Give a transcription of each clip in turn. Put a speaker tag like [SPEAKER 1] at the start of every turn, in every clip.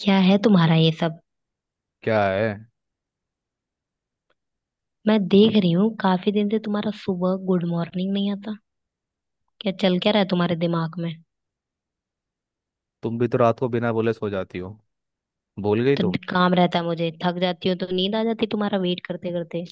[SPEAKER 1] क्या है तुम्हारा ये सब?
[SPEAKER 2] क्या है।
[SPEAKER 1] मैं देख रही हूँ, काफी दिन से तुम्हारा सुबह गुड मॉर्निंग नहीं आता। क्या चल क्या रहा है तुम्हारे दिमाग में?
[SPEAKER 2] तुम भी तो रात को बिना बोले सो जाती हो। भूल गई
[SPEAKER 1] तो
[SPEAKER 2] तुम।
[SPEAKER 1] काम रहता है, मुझे थक जाती हो तो नींद आ जाती है तुम्हारा वेट करते करते।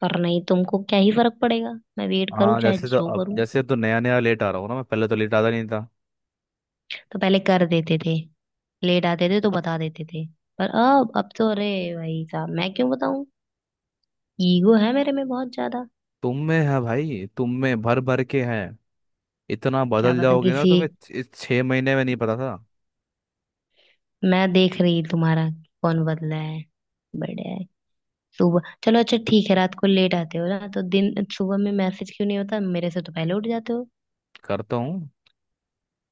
[SPEAKER 1] पर नहीं, तुमको क्या ही फर्क पड़ेगा। मैं वेट करूँ
[SPEAKER 2] हाँ
[SPEAKER 1] चाहे
[SPEAKER 2] जैसे तो
[SPEAKER 1] जो
[SPEAKER 2] अब
[SPEAKER 1] करूँ।
[SPEAKER 2] जैसे तो नया नया लेट आ रहा हूँ ना, मैं पहले तो लेट आता नहीं था।
[SPEAKER 1] तो पहले कर देते थे। लेट आते थे तो बता देते थे। पर अब तो अरे, भाई साहब मैं क्यों बताऊँ? ईगो है मेरे में बहुत ज्यादा।
[SPEAKER 2] तुम में है भाई, तुम में भर भर के है। इतना
[SPEAKER 1] क्या
[SPEAKER 2] बदल
[SPEAKER 1] पता
[SPEAKER 2] जाओगे ना,
[SPEAKER 1] किसी।
[SPEAKER 2] तुम्हें इस 6 महीने में नहीं पता था।
[SPEAKER 1] मैं देख रही तुम्हारा। कौन बदला है? बढ़िया है। सुबह चलो, अच्छा ठीक है, रात को लेट आते हो ना तो दिन सुबह में मैसेज क्यों नहीं होता? मेरे से तो पहले उठ जाते हो।
[SPEAKER 2] करता हूँ।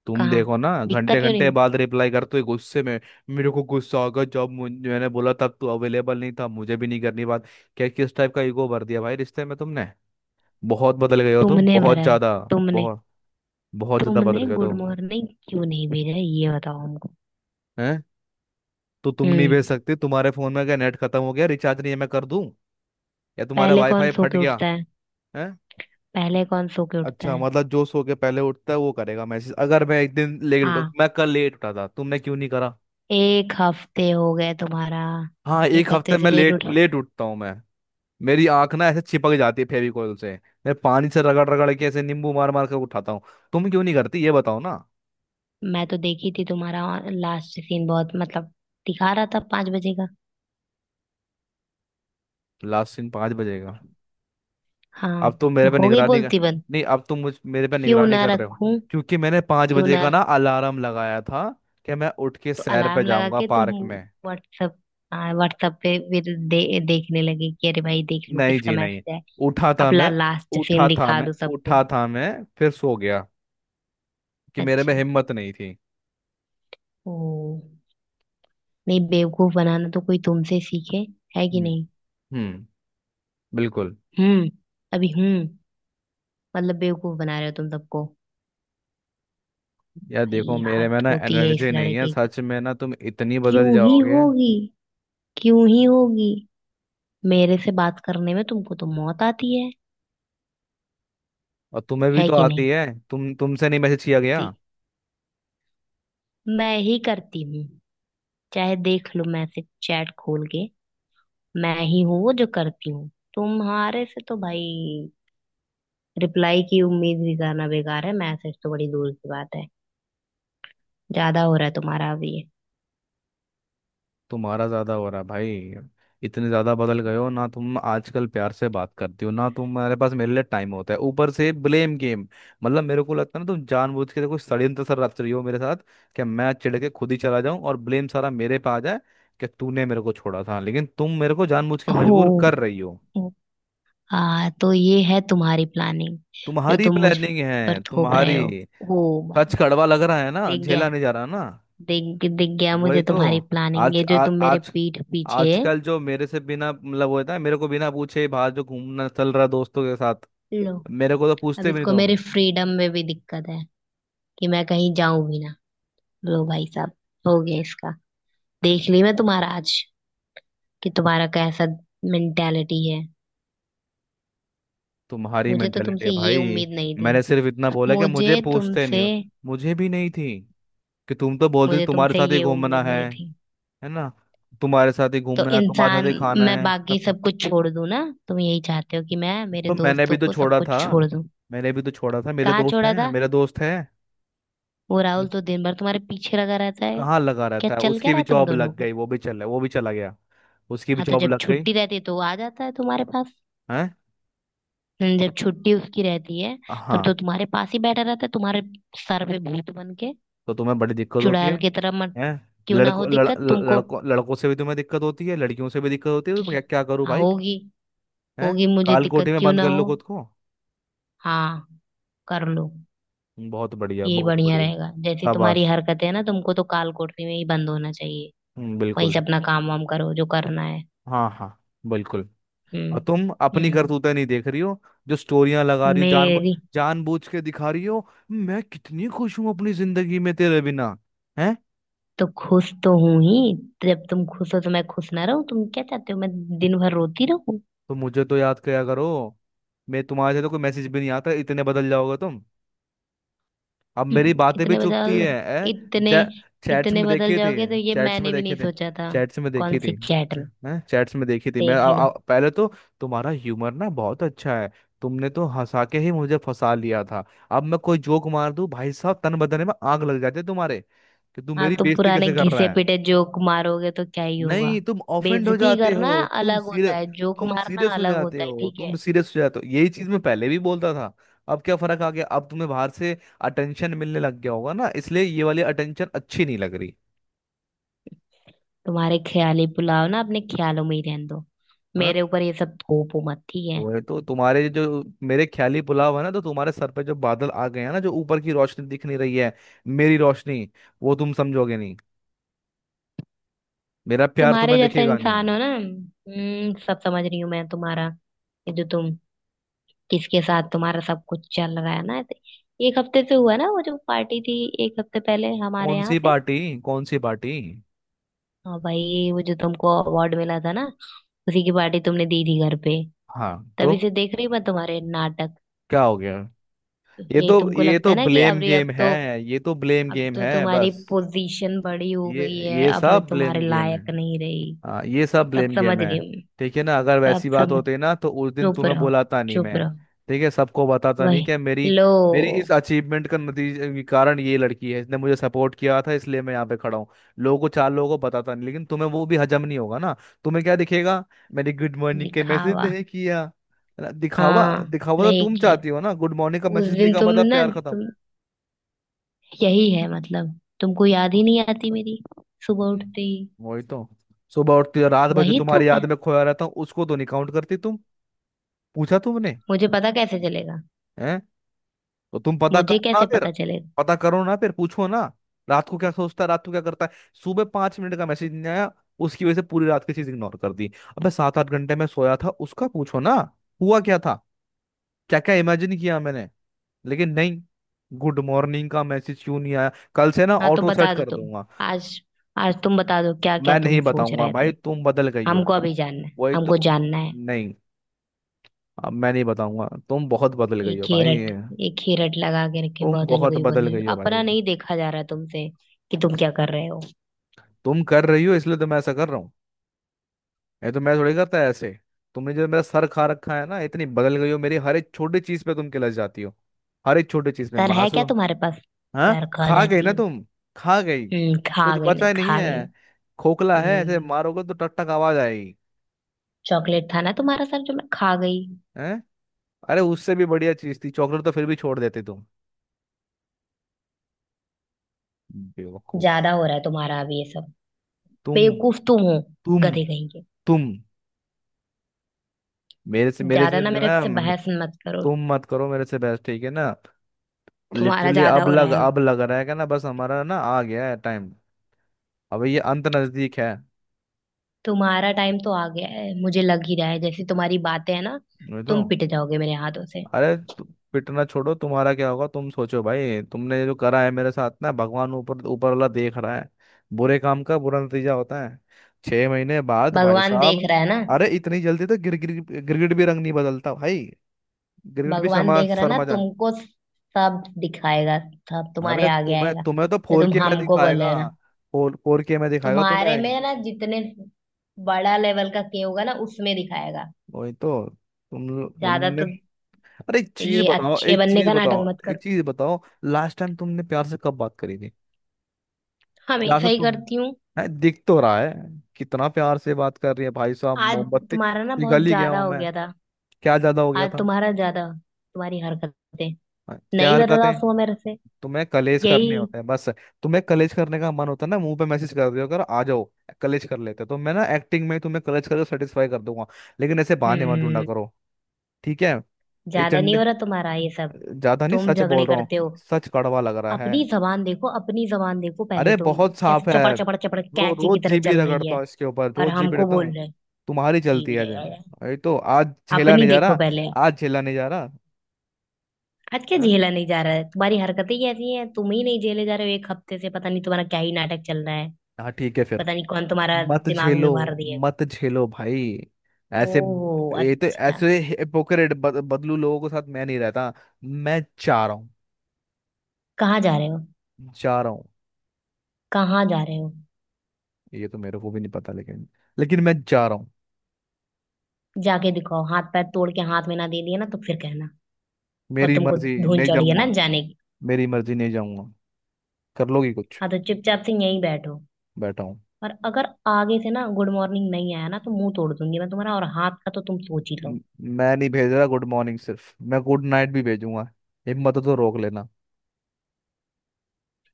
[SPEAKER 2] तुम
[SPEAKER 1] कहाँ?
[SPEAKER 2] देखो ना,
[SPEAKER 1] दिखता
[SPEAKER 2] घंटे
[SPEAKER 1] क्यों
[SPEAKER 2] घंटे
[SPEAKER 1] नहीं?
[SPEAKER 2] बाद रिप्लाई करते हो गुस्से में। मेरे को गुस्सा आ गया, जब मैंने बोला तब तू अवेलेबल नहीं था, मुझे भी नहीं करनी बात। क्या किस टाइप का ईगो भर दिया भाई रिश्ते में तुमने। बहुत बदल गए हो तुम,
[SPEAKER 1] तुमने भरा
[SPEAKER 2] बहुत
[SPEAKER 1] है,
[SPEAKER 2] ज्यादा।
[SPEAKER 1] तुमने
[SPEAKER 2] बहुत, बहुत ज्यादा
[SPEAKER 1] तुमने
[SPEAKER 2] बदल गए
[SPEAKER 1] गुड
[SPEAKER 2] तुम।
[SPEAKER 1] मॉर्निंग क्यों नहीं भेजा है, ये बताओ हमको।
[SPEAKER 2] हैं। तो तुम नहीं
[SPEAKER 1] हम्म।
[SPEAKER 2] भेज सकते? तुम्हारे फोन में क्या नेट खत्म हो गया? रिचार्ज नहीं है, मैं कर दूं? या तुम्हारा
[SPEAKER 1] पहले कौन
[SPEAKER 2] वाईफाई
[SPEAKER 1] सो
[SPEAKER 2] फट
[SPEAKER 1] के
[SPEAKER 2] गया
[SPEAKER 1] उठता है?
[SPEAKER 2] है?
[SPEAKER 1] पहले कौन सो के उठता
[SPEAKER 2] अच्छा
[SPEAKER 1] है?
[SPEAKER 2] मतलब जो सो के पहले उठता है वो करेगा मैसेज। अगर मैं 1 दिन लेट उठा,
[SPEAKER 1] हाँ,
[SPEAKER 2] मैं कल लेट उठा था, तुमने क्यों नहीं करा?
[SPEAKER 1] 1 हफ्ते हो गए तुम्हारा।
[SPEAKER 2] हाँ, एक
[SPEAKER 1] एक
[SPEAKER 2] हफ्ते
[SPEAKER 1] हफ्ते से
[SPEAKER 2] में
[SPEAKER 1] लेट
[SPEAKER 2] लेट
[SPEAKER 1] उठ।
[SPEAKER 2] लेट उठता हूँ मैं। मेरी आंख ना ऐसे चिपक जाती है फेविकोल से। मैं पानी से रगड़ रगड़ के, ऐसे नींबू मार मार कर उठाता हूँ। तुम क्यों नहीं करती ये बताओ ना।
[SPEAKER 1] मैं तो देखी थी तुम्हारा लास्ट सीन, बहुत मतलब। दिखा रहा था 5 बजे का।
[SPEAKER 2] लास्ट सीन 5 बजेगा।
[SPEAKER 1] हाँ।
[SPEAKER 2] अब तुम मेरे पे
[SPEAKER 1] हो गई
[SPEAKER 2] निगरानी कर।
[SPEAKER 1] बोलती बंद?
[SPEAKER 2] नहीं, अब तुम मुझ मेरे पे
[SPEAKER 1] क्यों
[SPEAKER 2] निगरानी
[SPEAKER 1] ना
[SPEAKER 2] कर रहे हो।
[SPEAKER 1] रखूं?
[SPEAKER 2] क्योंकि मैंने पाँच
[SPEAKER 1] क्यों
[SPEAKER 2] बजे
[SPEAKER 1] ना?
[SPEAKER 2] का ना अलार्म लगाया था कि मैं उठ के
[SPEAKER 1] तो
[SPEAKER 2] सैर पे
[SPEAKER 1] अलार्म लगा
[SPEAKER 2] जाऊंगा
[SPEAKER 1] के तुम
[SPEAKER 2] पार्क में।
[SPEAKER 1] व्हाट्सअप व्हाट्सअप पे फिर देखने लगे कि अरे भाई, देख लूं
[SPEAKER 2] नहीं
[SPEAKER 1] किसका
[SPEAKER 2] जी नहीं।
[SPEAKER 1] मैसेज है।
[SPEAKER 2] उठा था
[SPEAKER 1] अपना
[SPEAKER 2] मैं।
[SPEAKER 1] लास्ट
[SPEAKER 2] उठा
[SPEAKER 1] सीन
[SPEAKER 2] था
[SPEAKER 1] दिखा
[SPEAKER 2] मैं।
[SPEAKER 1] दो सबको।
[SPEAKER 2] उठा था मैं। फिर सो गया। कि मेरे में
[SPEAKER 1] अच्छा।
[SPEAKER 2] हिम्मत नहीं थी।
[SPEAKER 1] ओ, नहीं बेवकूफ बनाना तो कोई तुमसे सीखे। है कि
[SPEAKER 2] हम्म।
[SPEAKER 1] नहीं?
[SPEAKER 2] हम्म। बिल्कुल।
[SPEAKER 1] हम्म। अभी मतलब बेवकूफ बना रहे हो तुम सबको।
[SPEAKER 2] यार देखो,
[SPEAKER 1] भाई,
[SPEAKER 2] मेरे में
[SPEAKER 1] हद
[SPEAKER 2] ना
[SPEAKER 1] होती है इस
[SPEAKER 2] एनर्जी नहीं है
[SPEAKER 1] लड़के की।
[SPEAKER 2] सच में। ना तुम इतनी बदल
[SPEAKER 1] क्यों ही
[SPEAKER 2] जाओगे।
[SPEAKER 1] होगी? क्यों ही होगी? मेरे से बात करने में तुमको तो मौत आती है।
[SPEAKER 2] और तुम्हें भी
[SPEAKER 1] है
[SPEAKER 2] तो
[SPEAKER 1] कि
[SPEAKER 2] आती
[SPEAKER 1] नहीं?
[SPEAKER 2] है। तुमसे नहीं मैसेज किया गया।
[SPEAKER 1] दे- मैं ही करती हूँ। चाहे देख लो, मैसेज चैट खोल के मैं ही हूँ वो जो करती हूँ। तुम्हारे से तो भाई रिप्लाई की उम्मीद भी करना बेकार है, मैसेज तो बड़ी दूर की बात है। ज्यादा हो रहा है तुम्हारा अभी ये।
[SPEAKER 2] तुम्हारा ज्यादा हो रहा है भाई। इतने ज्यादा बदल गए हो ना तुम आजकल, प्यार से बात करती हो ना, तुम्हारे पास मेरे लिए टाइम होता है, ऊपर से ब्लेम गेम। मतलब मेरे को लगता है ना, तुम जानबूझ के कोई षड्यंत्र सर रच रही हो मेरे साथ, कि मैं चिढ़ के खुद ही चला जाऊं और ब्लेम सारा मेरे पे आ जाए, कि तूने मेरे को छोड़ा था। लेकिन तुम मेरे को जानबूझ के
[SPEAKER 1] हो।
[SPEAKER 2] मजबूर कर रही हो।
[SPEAKER 1] हाँ, तो ये है तुम्हारी प्लानिंग, जो
[SPEAKER 2] तुम्हारी
[SPEAKER 1] तुम मुझ
[SPEAKER 2] प्लानिंग
[SPEAKER 1] पर
[SPEAKER 2] है
[SPEAKER 1] थोप
[SPEAKER 2] तुम्हारी।
[SPEAKER 1] रहे हो। ओ भाई।
[SPEAKER 2] सच कड़वा लग रहा है ना,
[SPEAKER 1] दिख गया।
[SPEAKER 2] झेला नहीं जा रहा ना।
[SPEAKER 1] दिख दिख गया
[SPEAKER 2] वही
[SPEAKER 1] मुझे
[SPEAKER 2] तो।
[SPEAKER 1] तुम्हारी प्लानिंग,
[SPEAKER 2] आज
[SPEAKER 1] ये जो
[SPEAKER 2] आ,
[SPEAKER 1] तुम मेरे
[SPEAKER 2] आज
[SPEAKER 1] पीठ पीछे।
[SPEAKER 2] आजकल जो मेरे से बिना मतलब वो होता है, मेरे को बिना पूछे ही बाहर जो घूमना चल रहा है दोस्तों के साथ।
[SPEAKER 1] लो,
[SPEAKER 2] मेरे को तो
[SPEAKER 1] अब
[SPEAKER 2] पूछते भी नहीं
[SPEAKER 1] इसको मेरे
[SPEAKER 2] तुम।
[SPEAKER 1] फ्रीडम में भी दिक्कत है कि मैं कहीं जाऊं भी ना। लो भाई साहब, हो गया इसका। देख ली मैं तुम्हारा आज, कि तुम्हारा कैसा मेंटेलिटी है।
[SPEAKER 2] तुम्हारी
[SPEAKER 1] मुझे तो
[SPEAKER 2] मेंटेलिटी है
[SPEAKER 1] तुमसे ये
[SPEAKER 2] भाई।
[SPEAKER 1] उम्मीद नहीं थी।
[SPEAKER 2] मैंने सिर्फ इतना बोला कि मुझे
[SPEAKER 1] मुझे
[SPEAKER 2] पूछते नहीं
[SPEAKER 1] तुमसे
[SPEAKER 2] हो। मुझे भी नहीं थी, कि तुम तो बोलते थे
[SPEAKER 1] मुझे
[SPEAKER 2] तुम्हारे
[SPEAKER 1] तुमसे
[SPEAKER 2] साथ ही
[SPEAKER 1] ये
[SPEAKER 2] घूमना
[SPEAKER 1] उम्मीद
[SPEAKER 2] है
[SPEAKER 1] नहीं थी।
[SPEAKER 2] है ना? तुम्हारे साथ ही
[SPEAKER 1] तो
[SPEAKER 2] घूमना है, तुम्हारे
[SPEAKER 1] इंसान
[SPEAKER 2] साथ ही खाना
[SPEAKER 1] मैं
[SPEAKER 2] है,
[SPEAKER 1] बाकी
[SPEAKER 2] सब कुछ।
[SPEAKER 1] सब कुछ छोड़ दूं ना? तुम यही चाहते हो कि मैं मेरे
[SPEAKER 2] तो मैंने भी
[SPEAKER 1] दोस्तों
[SPEAKER 2] तो
[SPEAKER 1] को सब
[SPEAKER 2] छोड़ा था।
[SPEAKER 1] कुछ छोड़ दूं?
[SPEAKER 2] मैंने भी तो छोड़ा था, मेरे
[SPEAKER 1] कहाँ
[SPEAKER 2] दोस्त
[SPEAKER 1] छोड़ा
[SPEAKER 2] हैं,
[SPEAKER 1] था?
[SPEAKER 2] मेरे दोस्त हैं।
[SPEAKER 1] वो राहुल तो दिन भर तुम्हारे पीछे लगा रहता है।
[SPEAKER 2] कहाँ लगा
[SPEAKER 1] क्या
[SPEAKER 2] रहता है,
[SPEAKER 1] चल क्या
[SPEAKER 2] उसकी
[SPEAKER 1] रहा
[SPEAKER 2] भी
[SPEAKER 1] है तुम
[SPEAKER 2] जॉब
[SPEAKER 1] दोनों
[SPEAKER 2] लग
[SPEAKER 1] का?
[SPEAKER 2] गई, वो भी चला गया। उसकी भी
[SPEAKER 1] हाँ, तो
[SPEAKER 2] जॉब
[SPEAKER 1] जब
[SPEAKER 2] लग गई
[SPEAKER 1] छुट्टी रहती है तो वो आ जाता है तुम्हारे पास।
[SPEAKER 2] है।
[SPEAKER 1] जब छुट्टी उसकी रहती है तब
[SPEAKER 2] हाँ।
[SPEAKER 1] तो तुम्हारे पास ही बैठा रहता है, तुम्हारे सर पे भूत बन के।
[SPEAKER 2] तो तुम्हें बड़ी दिक्कत होती
[SPEAKER 1] चुड़ैल
[SPEAKER 2] है।
[SPEAKER 1] की तरह मत।
[SPEAKER 2] हैं।
[SPEAKER 1] क्यों ना हो
[SPEAKER 2] लड़कों लड़,
[SPEAKER 1] दिक्कत
[SPEAKER 2] लड़-
[SPEAKER 1] तुमको?
[SPEAKER 2] लड़कों लड़कों से भी तुम्हें दिक्कत होती है, लड़कियों से भी दिक्कत होती है, तो
[SPEAKER 1] कि-
[SPEAKER 2] क्या करूँ
[SPEAKER 1] हाँ,
[SPEAKER 2] भाई।
[SPEAKER 1] होगी।
[SPEAKER 2] हैं।
[SPEAKER 1] होगी, मुझे
[SPEAKER 2] काल कोठे
[SPEAKER 1] दिक्कत
[SPEAKER 2] में
[SPEAKER 1] क्यों
[SPEAKER 2] बंद
[SPEAKER 1] ना
[SPEAKER 2] कर
[SPEAKER 1] हो?
[SPEAKER 2] लो खुद को।
[SPEAKER 1] हाँ, कर लो।
[SPEAKER 2] बहुत बढ़िया,
[SPEAKER 1] यही
[SPEAKER 2] बहुत
[SPEAKER 1] बढ़िया
[SPEAKER 2] बढ़िया।
[SPEAKER 1] रहेगा, जैसी तुम्हारी
[SPEAKER 2] शाबाश।
[SPEAKER 1] हरकत है ना तुमको तो काल कोठरी में ही बंद होना चाहिए। वहीं
[SPEAKER 2] बिल्कुल।
[SPEAKER 1] से अपना काम वाम करो, जो करना है।
[SPEAKER 2] हाँ हाँ, बिल्कुल। और
[SPEAKER 1] हम्म।
[SPEAKER 2] तुम अपनी
[SPEAKER 1] हम्म।
[SPEAKER 2] करतूतें नहीं देख रही हो। जो स्टोरियां लगा रही हो,
[SPEAKER 1] मेरी।
[SPEAKER 2] जानबूझ के दिखा रही हो। मैं कितनी खुश हूँ अपनी जिंदगी में तेरे बिना। हैं।
[SPEAKER 1] तो खुश तो हूं ही। जब तुम खुश हो तो मैं खुश ना रहूं? तुम क्या चाहते हो, मैं दिन भर रोती रहूं?
[SPEAKER 2] तो मुझे तो याद किया करो। मैं, तुम्हारे से तो कोई मैसेज भी नहीं आता, इतने बदल जाओगे तुम। अब मेरी बातें भी
[SPEAKER 1] इतने
[SPEAKER 2] चुपती
[SPEAKER 1] बदल
[SPEAKER 2] है,
[SPEAKER 1] इतने
[SPEAKER 2] है? चैट्स
[SPEAKER 1] इतने
[SPEAKER 2] में
[SPEAKER 1] बदल
[SPEAKER 2] देखी थी।
[SPEAKER 1] जाओगे तो ये
[SPEAKER 2] चैट्स में
[SPEAKER 1] मैंने भी
[SPEAKER 2] देखे
[SPEAKER 1] नहीं
[SPEAKER 2] थे।
[SPEAKER 1] सोचा था।
[SPEAKER 2] चैट्स में देखी
[SPEAKER 1] कौन
[SPEAKER 2] थी।
[SPEAKER 1] सी चैट में?
[SPEAKER 2] हैं, चैट्स में देखी थी मैं। आ,
[SPEAKER 1] देख लो।
[SPEAKER 2] आ, पहले तो तुम्हारा ह्यूमर ना बहुत अच्छा है। तुमने तो हंसा के ही मुझे फंसा लिया था। अब मैं कोई जोक मार दूं, भाई साहब तन बदन में आग लग जाती है तुम्हारे, कि तू
[SPEAKER 1] हाँ,
[SPEAKER 2] मेरी
[SPEAKER 1] तो
[SPEAKER 2] बेइज्जती
[SPEAKER 1] पुराने
[SPEAKER 2] कैसे कर
[SPEAKER 1] घिसे
[SPEAKER 2] रहा।
[SPEAKER 1] पिटे जोक मारोगे तो क्या ही होगा?
[SPEAKER 2] नहीं, तुम ऑफेंड हो
[SPEAKER 1] बेइज्जती
[SPEAKER 2] जाते
[SPEAKER 1] करना
[SPEAKER 2] हो,
[SPEAKER 1] अलग होता है, जोक
[SPEAKER 2] तुम
[SPEAKER 1] मारना
[SPEAKER 2] सीरियस हो
[SPEAKER 1] अलग
[SPEAKER 2] जाते
[SPEAKER 1] होता है,
[SPEAKER 2] हो,
[SPEAKER 1] ठीक
[SPEAKER 2] तुम
[SPEAKER 1] है?
[SPEAKER 2] सीरियस हो जाते हो, यही चीज मैं पहले भी बोलता था। अब क्या फर्क आ गया, अब तुम्हें बाहर से अटेंशन मिलने लग गया होगा ना, इसलिए ये वाली अटेंशन अच्छी नहीं लग रही।
[SPEAKER 1] तुम्हारे ख्याली पुलाव ना अपने ख्यालों में ही रहने दो।
[SPEAKER 2] हाँ।
[SPEAKER 1] मेरे ऊपर ये सब थोपो मत, ठीक है?
[SPEAKER 2] वो तो तुम्हारे जो, मेरे ख्याली पुलाव है ना, तो तुम्हारे सर पे जो बादल आ गए हैं ना, जो ऊपर की रोशनी दिख नहीं रही है, मेरी रोशनी, वो तुम समझोगे नहीं। मेरा प्यार
[SPEAKER 1] तुम्हारे
[SPEAKER 2] तुम्हें
[SPEAKER 1] जैसा
[SPEAKER 2] दिखेगा
[SPEAKER 1] इंसान
[SPEAKER 2] नहीं।
[SPEAKER 1] हो ना, सब समझ रही हूँ मैं तुम्हारा। ये जो तुम किसके साथ तुम्हारा सब कुछ चल रहा है ना ऐसे? 1 हफ्ते से हुआ है ना वो जो पार्टी थी, 1 हफ्ते पहले हमारे
[SPEAKER 2] कौन
[SPEAKER 1] यहाँ
[SPEAKER 2] सी
[SPEAKER 1] पे।
[SPEAKER 2] पार्टी? कौन सी पार्टी?
[SPEAKER 1] हाँ भाई, वो जो तुमको अवार्ड मिला था ना, उसी की पार्टी तुमने दी थी घर पे।
[SPEAKER 2] हाँ तो
[SPEAKER 1] तभी से देख रही मैं तुम्हारे नाटक।
[SPEAKER 2] क्या हो गया?
[SPEAKER 1] तो
[SPEAKER 2] ये
[SPEAKER 1] यही
[SPEAKER 2] तो
[SPEAKER 1] तुमको
[SPEAKER 2] ये
[SPEAKER 1] लगता
[SPEAKER 2] तो
[SPEAKER 1] है ना कि
[SPEAKER 2] ब्लेम
[SPEAKER 1] अरे,
[SPEAKER 2] गेम
[SPEAKER 1] अब
[SPEAKER 2] है।
[SPEAKER 1] तो
[SPEAKER 2] ये तो ब्लेम
[SPEAKER 1] अब
[SPEAKER 2] गेम
[SPEAKER 1] तो
[SPEAKER 2] है
[SPEAKER 1] तुम्हारी
[SPEAKER 2] बस।
[SPEAKER 1] पोजीशन बड़ी हो
[SPEAKER 2] ये
[SPEAKER 1] गई है,
[SPEAKER 2] ये
[SPEAKER 1] अब मैं
[SPEAKER 2] सब
[SPEAKER 1] तुम्हारे
[SPEAKER 2] ब्लेम गेम है।
[SPEAKER 1] लायक नहीं रही।
[SPEAKER 2] हाँ ये सब
[SPEAKER 1] सब
[SPEAKER 2] ब्लेम
[SPEAKER 1] समझ
[SPEAKER 2] गेम है।
[SPEAKER 1] रही हूँ मैं।
[SPEAKER 2] ठीक है ना, अगर
[SPEAKER 1] सब
[SPEAKER 2] वैसी बात
[SPEAKER 1] समझ
[SPEAKER 2] होती ना, तो उस दिन
[SPEAKER 1] चुप
[SPEAKER 2] तुम्हें
[SPEAKER 1] रहो।
[SPEAKER 2] बुलाता नहीं
[SPEAKER 1] चुप
[SPEAKER 2] मैं।
[SPEAKER 1] रहो।
[SPEAKER 2] ठीक है, सबको बताता नहीं
[SPEAKER 1] वही।
[SPEAKER 2] कि मेरी
[SPEAKER 1] लो।
[SPEAKER 2] मेरी इस अचीवमेंट का नतीजे कारण ये लड़की है, इसने मुझे सपोर्ट किया था इसलिए मैं यहाँ पे खड़ा हूँ। लोगों को चार लोगों को बताता नहीं, लेकिन तुम्हें वो भी हजम नहीं होगा ना। तुम्हें क्या दिखेगा। मैंने गुड मॉर्निंग के मैसेज
[SPEAKER 1] दिखावा।
[SPEAKER 2] नहीं किया है ना? दिखावा,
[SPEAKER 1] हाँ,
[SPEAKER 2] दिखावा तो
[SPEAKER 1] नहीं
[SPEAKER 2] तुम
[SPEAKER 1] किया।
[SPEAKER 2] चाहती हो ना, गुड मॉर्निंग का
[SPEAKER 1] उस
[SPEAKER 2] मैसेज नहीं
[SPEAKER 1] दिन
[SPEAKER 2] का
[SPEAKER 1] तुम
[SPEAKER 2] मतलब
[SPEAKER 1] ना,
[SPEAKER 2] प्यार खत्म।
[SPEAKER 1] तुम यही है मतलब तुमको याद ही नहीं आती मेरी, सुबह उठते ही।
[SPEAKER 2] वही तो, सुबह उठती हो, रात भर जो
[SPEAKER 1] वही तो
[SPEAKER 2] तुम्हारी
[SPEAKER 1] क्या?
[SPEAKER 2] याद में खोया रहता हूँ उसको तो नहीं काउंट करती तुम। पूछा तुमने?
[SPEAKER 1] मुझे पता कैसे चलेगा?
[SPEAKER 2] हैं? तो तुम पता
[SPEAKER 1] मुझे
[SPEAKER 2] करो ना
[SPEAKER 1] कैसे
[SPEAKER 2] फिर।
[SPEAKER 1] पता चलेगा?
[SPEAKER 2] पता करो ना फिर, पूछो ना। रात को क्या सोचता है, रात को क्या करता है। सुबह 5 मिनट का मैसेज नहीं आया, उसकी वजह से पूरी रात की चीज इग्नोर कर दी। अबे 7 8 घंटे में सोया था, उसका पूछो ना। हुआ क्या था, क्या क्या इमेजिन किया मैंने। लेकिन नहीं। गुड मॉर्निंग का मैसेज क्यों नहीं आया, कल से ना
[SPEAKER 1] हाँ, तो
[SPEAKER 2] ऑटो सेट
[SPEAKER 1] बता दो
[SPEAKER 2] कर
[SPEAKER 1] तुम।
[SPEAKER 2] दूंगा।
[SPEAKER 1] आज, आज तुम बता दो क्या क्या
[SPEAKER 2] मैं
[SPEAKER 1] तुम
[SPEAKER 2] नहीं
[SPEAKER 1] सोच
[SPEAKER 2] बताऊंगा
[SPEAKER 1] रहे
[SPEAKER 2] भाई,
[SPEAKER 1] थे।
[SPEAKER 2] तुम बदल गई हो।
[SPEAKER 1] हमको अभी जानना है,
[SPEAKER 2] वही
[SPEAKER 1] हमको
[SPEAKER 2] तो।
[SPEAKER 1] जानना है।
[SPEAKER 2] नहीं, अब मैं नहीं बताऊंगा, तुम बहुत बदल गई हो
[SPEAKER 1] एक ही
[SPEAKER 2] भाई।
[SPEAKER 1] रट एक ही रट लगा के रखे,
[SPEAKER 2] तुम
[SPEAKER 1] बदल
[SPEAKER 2] बहुत
[SPEAKER 1] गई
[SPEAKER 2] बदल
[SPEAKER 1] बदल गई,
[SPEAKER 2] गई हो भाई।
[SPEAKER 1] अपना नहीं देखा जा रहा तुमसे कि तुम क्या कर रहे हो?
[SPEAKER 2] तुम कर रही हो, इसलिए तो मैं ऐसा कर रहा हूँ। ये तो मैं थोड़ी करता है ऐसे। तुमने जो मेरा सर खा रखा है ना, इतनी बदल गई हो, मेरी हर एक छोटी चीज पे तुम किलस जाती हो। हर एक छोटी चीज में
[SPEAKER 1] सर है
[SPEAKER 2] महासु
[SPEAKER 1] क्या तुम्हारे पास?
[SPEAKER 2] हाँ।
[SPEAKER 1] सर खा
[SPEAKER 2] खा गई
[SPEAKER 1] जाती
[SPEAKER 2] ना
[SPEAKER 1] हूँ?
[SPEAKER 2] तुम। खा गई,
[SPEAKER 1] हम्म,
[SPEAKER 2] कुछ
[SPEAKER 1] खा गई ना,
[SPEAKER 2] बचा ही नहीं
[SPEAKER 1] खा गई।
[SPEAKER 2] है। खोखला है, ऐसे
[SPEAKER 1] हम्म,
[SPEAKER 2] मारोगे तो टक टक आवाज आएगी।
[SPEAKER 1] चॉकलेट था ना तुम्हारा सर जो मैं खा गई?
[SPEAKER 2] हैं। अरे, उससे भी बढ़िया चीज थी, चॉकलेट तो फिर भी छोड़ देते तुम। बेवकूफ।
[SPEAKER 1] ज्यादा हो रहा है तुम्हारा अभी ये सब।
[SPEAKER 2] तुम
[SPEAKER 1] बेवकूफ तुम हो,
[SPEAKER 2] तुम
[SPEAKER 1] गधे कहीं के।
[SPEAKER 2] तुम मेरे से मेरे
[SPEAKER 1] ज्यादा
[SPEAKER 2] से
[SPEAKER 1] ना
[SPEAKER 2] जो
[SPEAKER 1] मेरे
[SPEAKER 2] है
[SPEAKER 1] से बहस मत करो।
[SPEAKER 2] तुम मत करो मेरे से बहस, ठीक है ना।
[SPEAKER 1] तुम्हारा
[SPEAKER 2] लिटरली,
[SPEAKER 1] ज्यादा
[SPEAKER 2] अब
[SPEAKER 1] हो रहा
[SPEAKER 2] लग
[SPEAKER 1] है अब।
[SPEAKER 2] अब लग रहा है कि ना, बस हमारा ना आ गया है टाइम। अब ये अंत नजदीक है।
[SPEAKER 1] तुम्हारा टाइम तो आ गया है, मुझे लग ही रहा है जैसे तुम्हारी बातें हैं ना,
[SPEAKER 2] नहीं तो।
[SPEAKER 1] तुम पिट जाओगे मेरे हाथों से।
[SPEAKER 2] अरे पिटना छोड़ो, तुम्हारा क्या होगा तुम सोचो भाई, तुमने जो करा है मेरे साथ ना, भगवान, ऊपर ऊपर वाला देख रहा है। बुरे काम का बुरा नतीजा होता है। 6 महीने बाद, भाई
[SPEAKER 1] भगवान
[SPEAKER 2] साहब।
[SPEAKER 1] देख रहा है ना।
[SPEAKER 2] अरे इतनी जल्दी तो गिर गिर गिरगिट भी रंग नहीं बदलता भाई। गिरगिट भी
[SPEAKER 1] भगवान
[SPEAKER 2] शर्मा,
[SPEAKER 1] देख रहा है ना
[SPEAKER 2] शर्मा।
[SPEAKER 1] तुमको। सब दिखाएगा, सब तुम्हारे
[SPEAKER 2] अरे
[SPEAKER 1] आगे
[SPEAKER 2] तुम्हें
[SPEAKER 1] आएगा
[SPEAKER 2] तुम्हें तो
[SPEAKER 1] तो
[SPEAKER 2] फोर
[SPEAKER 1] तुम
[SPEAKER 2] के में
[SPEAKER 1] हमको बोल रहे
[SPEAKER 2] दिखाएगा।
[SPEAKER 1] हो ना?
[SPEAKER 2] फोर फोर के में दिखाएगा तुम्हें।
[SPEAKER 1] तुम्हारे में ना जितने बड़ा लेवल का के होगा ना उसमें दिखाएगा।
[SPEAKER 2] वही तो। तुम
[SPEAKER 1] ज्यादा
[SPEAKER 2] तुमने
[SPEAKER 1] तो
[SPEAKER 2] अरे एक चीज
[SPEAKER 1] ये
[SPEAKER 2] बताओ,
[SPEAKER 1] अच्छे
[SPEAKER 2] एक
[SPEAKER 1] बनने
[SPEAKER 2] चीज
[SPEAKER 1] का नाटक
[SPEAKER 2] बताओ,
[SPEAKER 1] मत करो।
[SPEAKER 2] एक चीज बताओ। लास्ट टाइम तुमने प्यार से कब बात करी थी? प्यार से
[SPEAKER 1] हमेशा ही
[SPEAKER 2] तुम।
[SPEAKER 1] करती हूँ।
[SPEAKER 2] है, दिख तो रहा है, कितना प्यार से बात कर रही है भाई साहब,
[SPEAKER 1] आज
[SPEAKER 2] मोमबत्ती
[SPEAKER 1] तुम्हारा ना बहुत
[SPEAKER 2] पिघल ही गया
[SPEAKER 1] ज्यादा
[SPEAKER 2] हूं
[SPEAKER 1] हो
[SPEAKER 2] मैं।
[SPEAKER 1] गया था।
[SPEAKER 2] क्या ज्यादा हो गया
[SPEAKER 1] आज
[SPEAKER 2] था।
[SPEAKER 1] तुम्हारा ज्यादा तुम्हारी हरकतें
[SPEAKER 2] हाँ, क्या
[SPEAKER 1] नहीं
[SPEAKER 2] हरकतें।
[SPEAKER 1] बर्दाश्त हुआ मेरे से।
[SPEAKER 2] तुम्हें कलेज करने
[SPEAKER 1] यही।
[SPEAKER 2] होते हैं बस। तुम्हें कलेज करने का मन होता है ना, मुंह पे मैसेज कर दियो, कर आ जाओ। कलेज कर लेते हैं तो मैं ना एक्टिंग में तुम्हें कलेज करके सेटिस्फाई कर दूंगा। लेकिन ऐसे बहाने मत ढूंढा
[SPEAKER 1] हम्म
[SPEAKER 2] करो। ठीक है। ये
[SPEAKER 1] ज्यादा नहीं
[SPEAKER 2] चंडे।
[SPEAKER 1] हो रहा तुम्हारा ये सब?
[SPEAKER 2] ज्यादा नहीं,
[SPEAKER 1] तुम
[SPEAKER 2] सच बोल
[SPEAKER 1] झगड़े
[SPEAKER 2] रहा हूँ।
[SPEAKER 1] करते हो।
[SPEAKER 2] सच कड़वा लग रहा है।
[SPEAKER 1] अपनी जबान देखो, अपनी जबान देखो पहले
[SPEAKER 2] अरे
[SPEAKER 1] तुम।
[SPEAKER 2] बहुत
[SPEAKER 1] कैसे
[SPEAKER 2] साफ है,
[SPEAKER 1] चपड़ चपड़ चपड़ कैंची की
[SPEAKER 2] रोज
[SPEAKER 1] तरह
[SPEAKER 2] GB
[SPEAKER 1] चल रही
[SPEAKER 2] रगड़ता
[SPEAKER 1] है,
[SPEAKER 2] हूँ इसके ऊपर,
[SPEAKER 1] और
[SPEAKER 2] रोज GB
[SPEAKER 1] हमको
[SPEAKER 2] रहता
[SPEAKER 1] बोल
[SPEAKER 2] हूँ।
[SPEAKER 1] रहे?
[SPEAKER 2] तुम्हारी
[SPEAKER 1] जी
[SPEAKER 2] चलती
[SPEAKER 1] भी
[SPEAKER 2] है जय।
[SPEAKER 1] रहेगा।
[SPEAKER 2] वही तो, आज झेला
[SPEAKER 1] अपनी
[SPEAKER 2] नहीं जा
[SPEAKER 1] देखो
[SPEAKER 2] रहा।
[SPEAKER 1] पहले।
[SPEAKER 2] आज झेला नहीं जा रहा।
[SPEAKER 1] आज क्या
[SPEAKER 2] हैं?
[SPEAKER 1] झेला नहीं जा रहा है? तुम्हारी हरकतें ही ऐसी हैं, तुम ही नहीं झेले जा रहे हो, 1 हफ्ते से पता नहीं तुम्हारा क्या ही नाटक चल रहा है।
[SPEAKER 2] हाँ ठीक है फिर।
[SPEAKER 1] पता नहीं कौन तुम्हारा
[SPEAKER 2] मत
[SPEAKER 1] दिमाग
[SPEAKER 2] झेलो।
[SPEAKER 1] में भर दिए।
[SPEAKER 2] मत झेलो भाई। ऐसे,
[SPEAKER 1] ओह
[SPEAKER 2] ये तो
[SPEAKER 1] अच्छा।
[SPEAKER 2] ऐसे हिपोक्रेट बदलू लोगों के साथ मैं नहीं रहता। मैं जा रहा हूँ।
[SPEAKER 1] कहाँ जा रहे हो?
[SPEAKER 2] जा रहा हूँ।
[SPEAKER 1] कहाँ जा रहे हो?
[SPEAKER 2] ये तो मेरे को भी नहीं पता, लेकिन लेकिन मैं जा रहा हूँ।
[SPEAKER 1] जाके दिखाओ, हाथ पैर तोड़ के हाथ में ना दे दिए ना तो फिर कहना। और
[SPEAKER 2] मेरी
[SPEAKER 1] तुमको
[SPEAKER 2] मर्जी,
[SPEAKER 1] धुन
[SPEAKER 2] नहीं
[SPEAKER 1] चढ़ी है ना
[SPEAKER 2] जाऊंगा।
[SPEAKER 1] जाने की।
[SPEAKER 2] मेरी मर्जी, नहीं जाऊंगा। कर लोगी कुछ?
[SPEAKER 1] हाँ, तो चुपचाप से यहीं बैठो।
[SPEAKER 2] बैठा हूँ।
[SPEAKER 1] और अगर आगे से ना गुड मॉर्निंग नहीं आया ना तो मुंह तोड़ दूंगी मैं तुम्हारा, और हाथ का तो तुम सोच ही लो।
[SPEAKER 2] म- मैं नहीं भेज रहा गुड मॉर्निंग, सिर्फ, मैं गुड नाइट भी भेजूंगा। हिम्मत हो तो रोक लेना।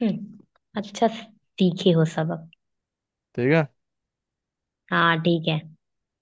[SPEAKER 1] हम्म। अच्छा, सीखे हो सबक?
[SPEAKER 2] ठीक है।
[SPEAKER 1] हाँ, ठीक है।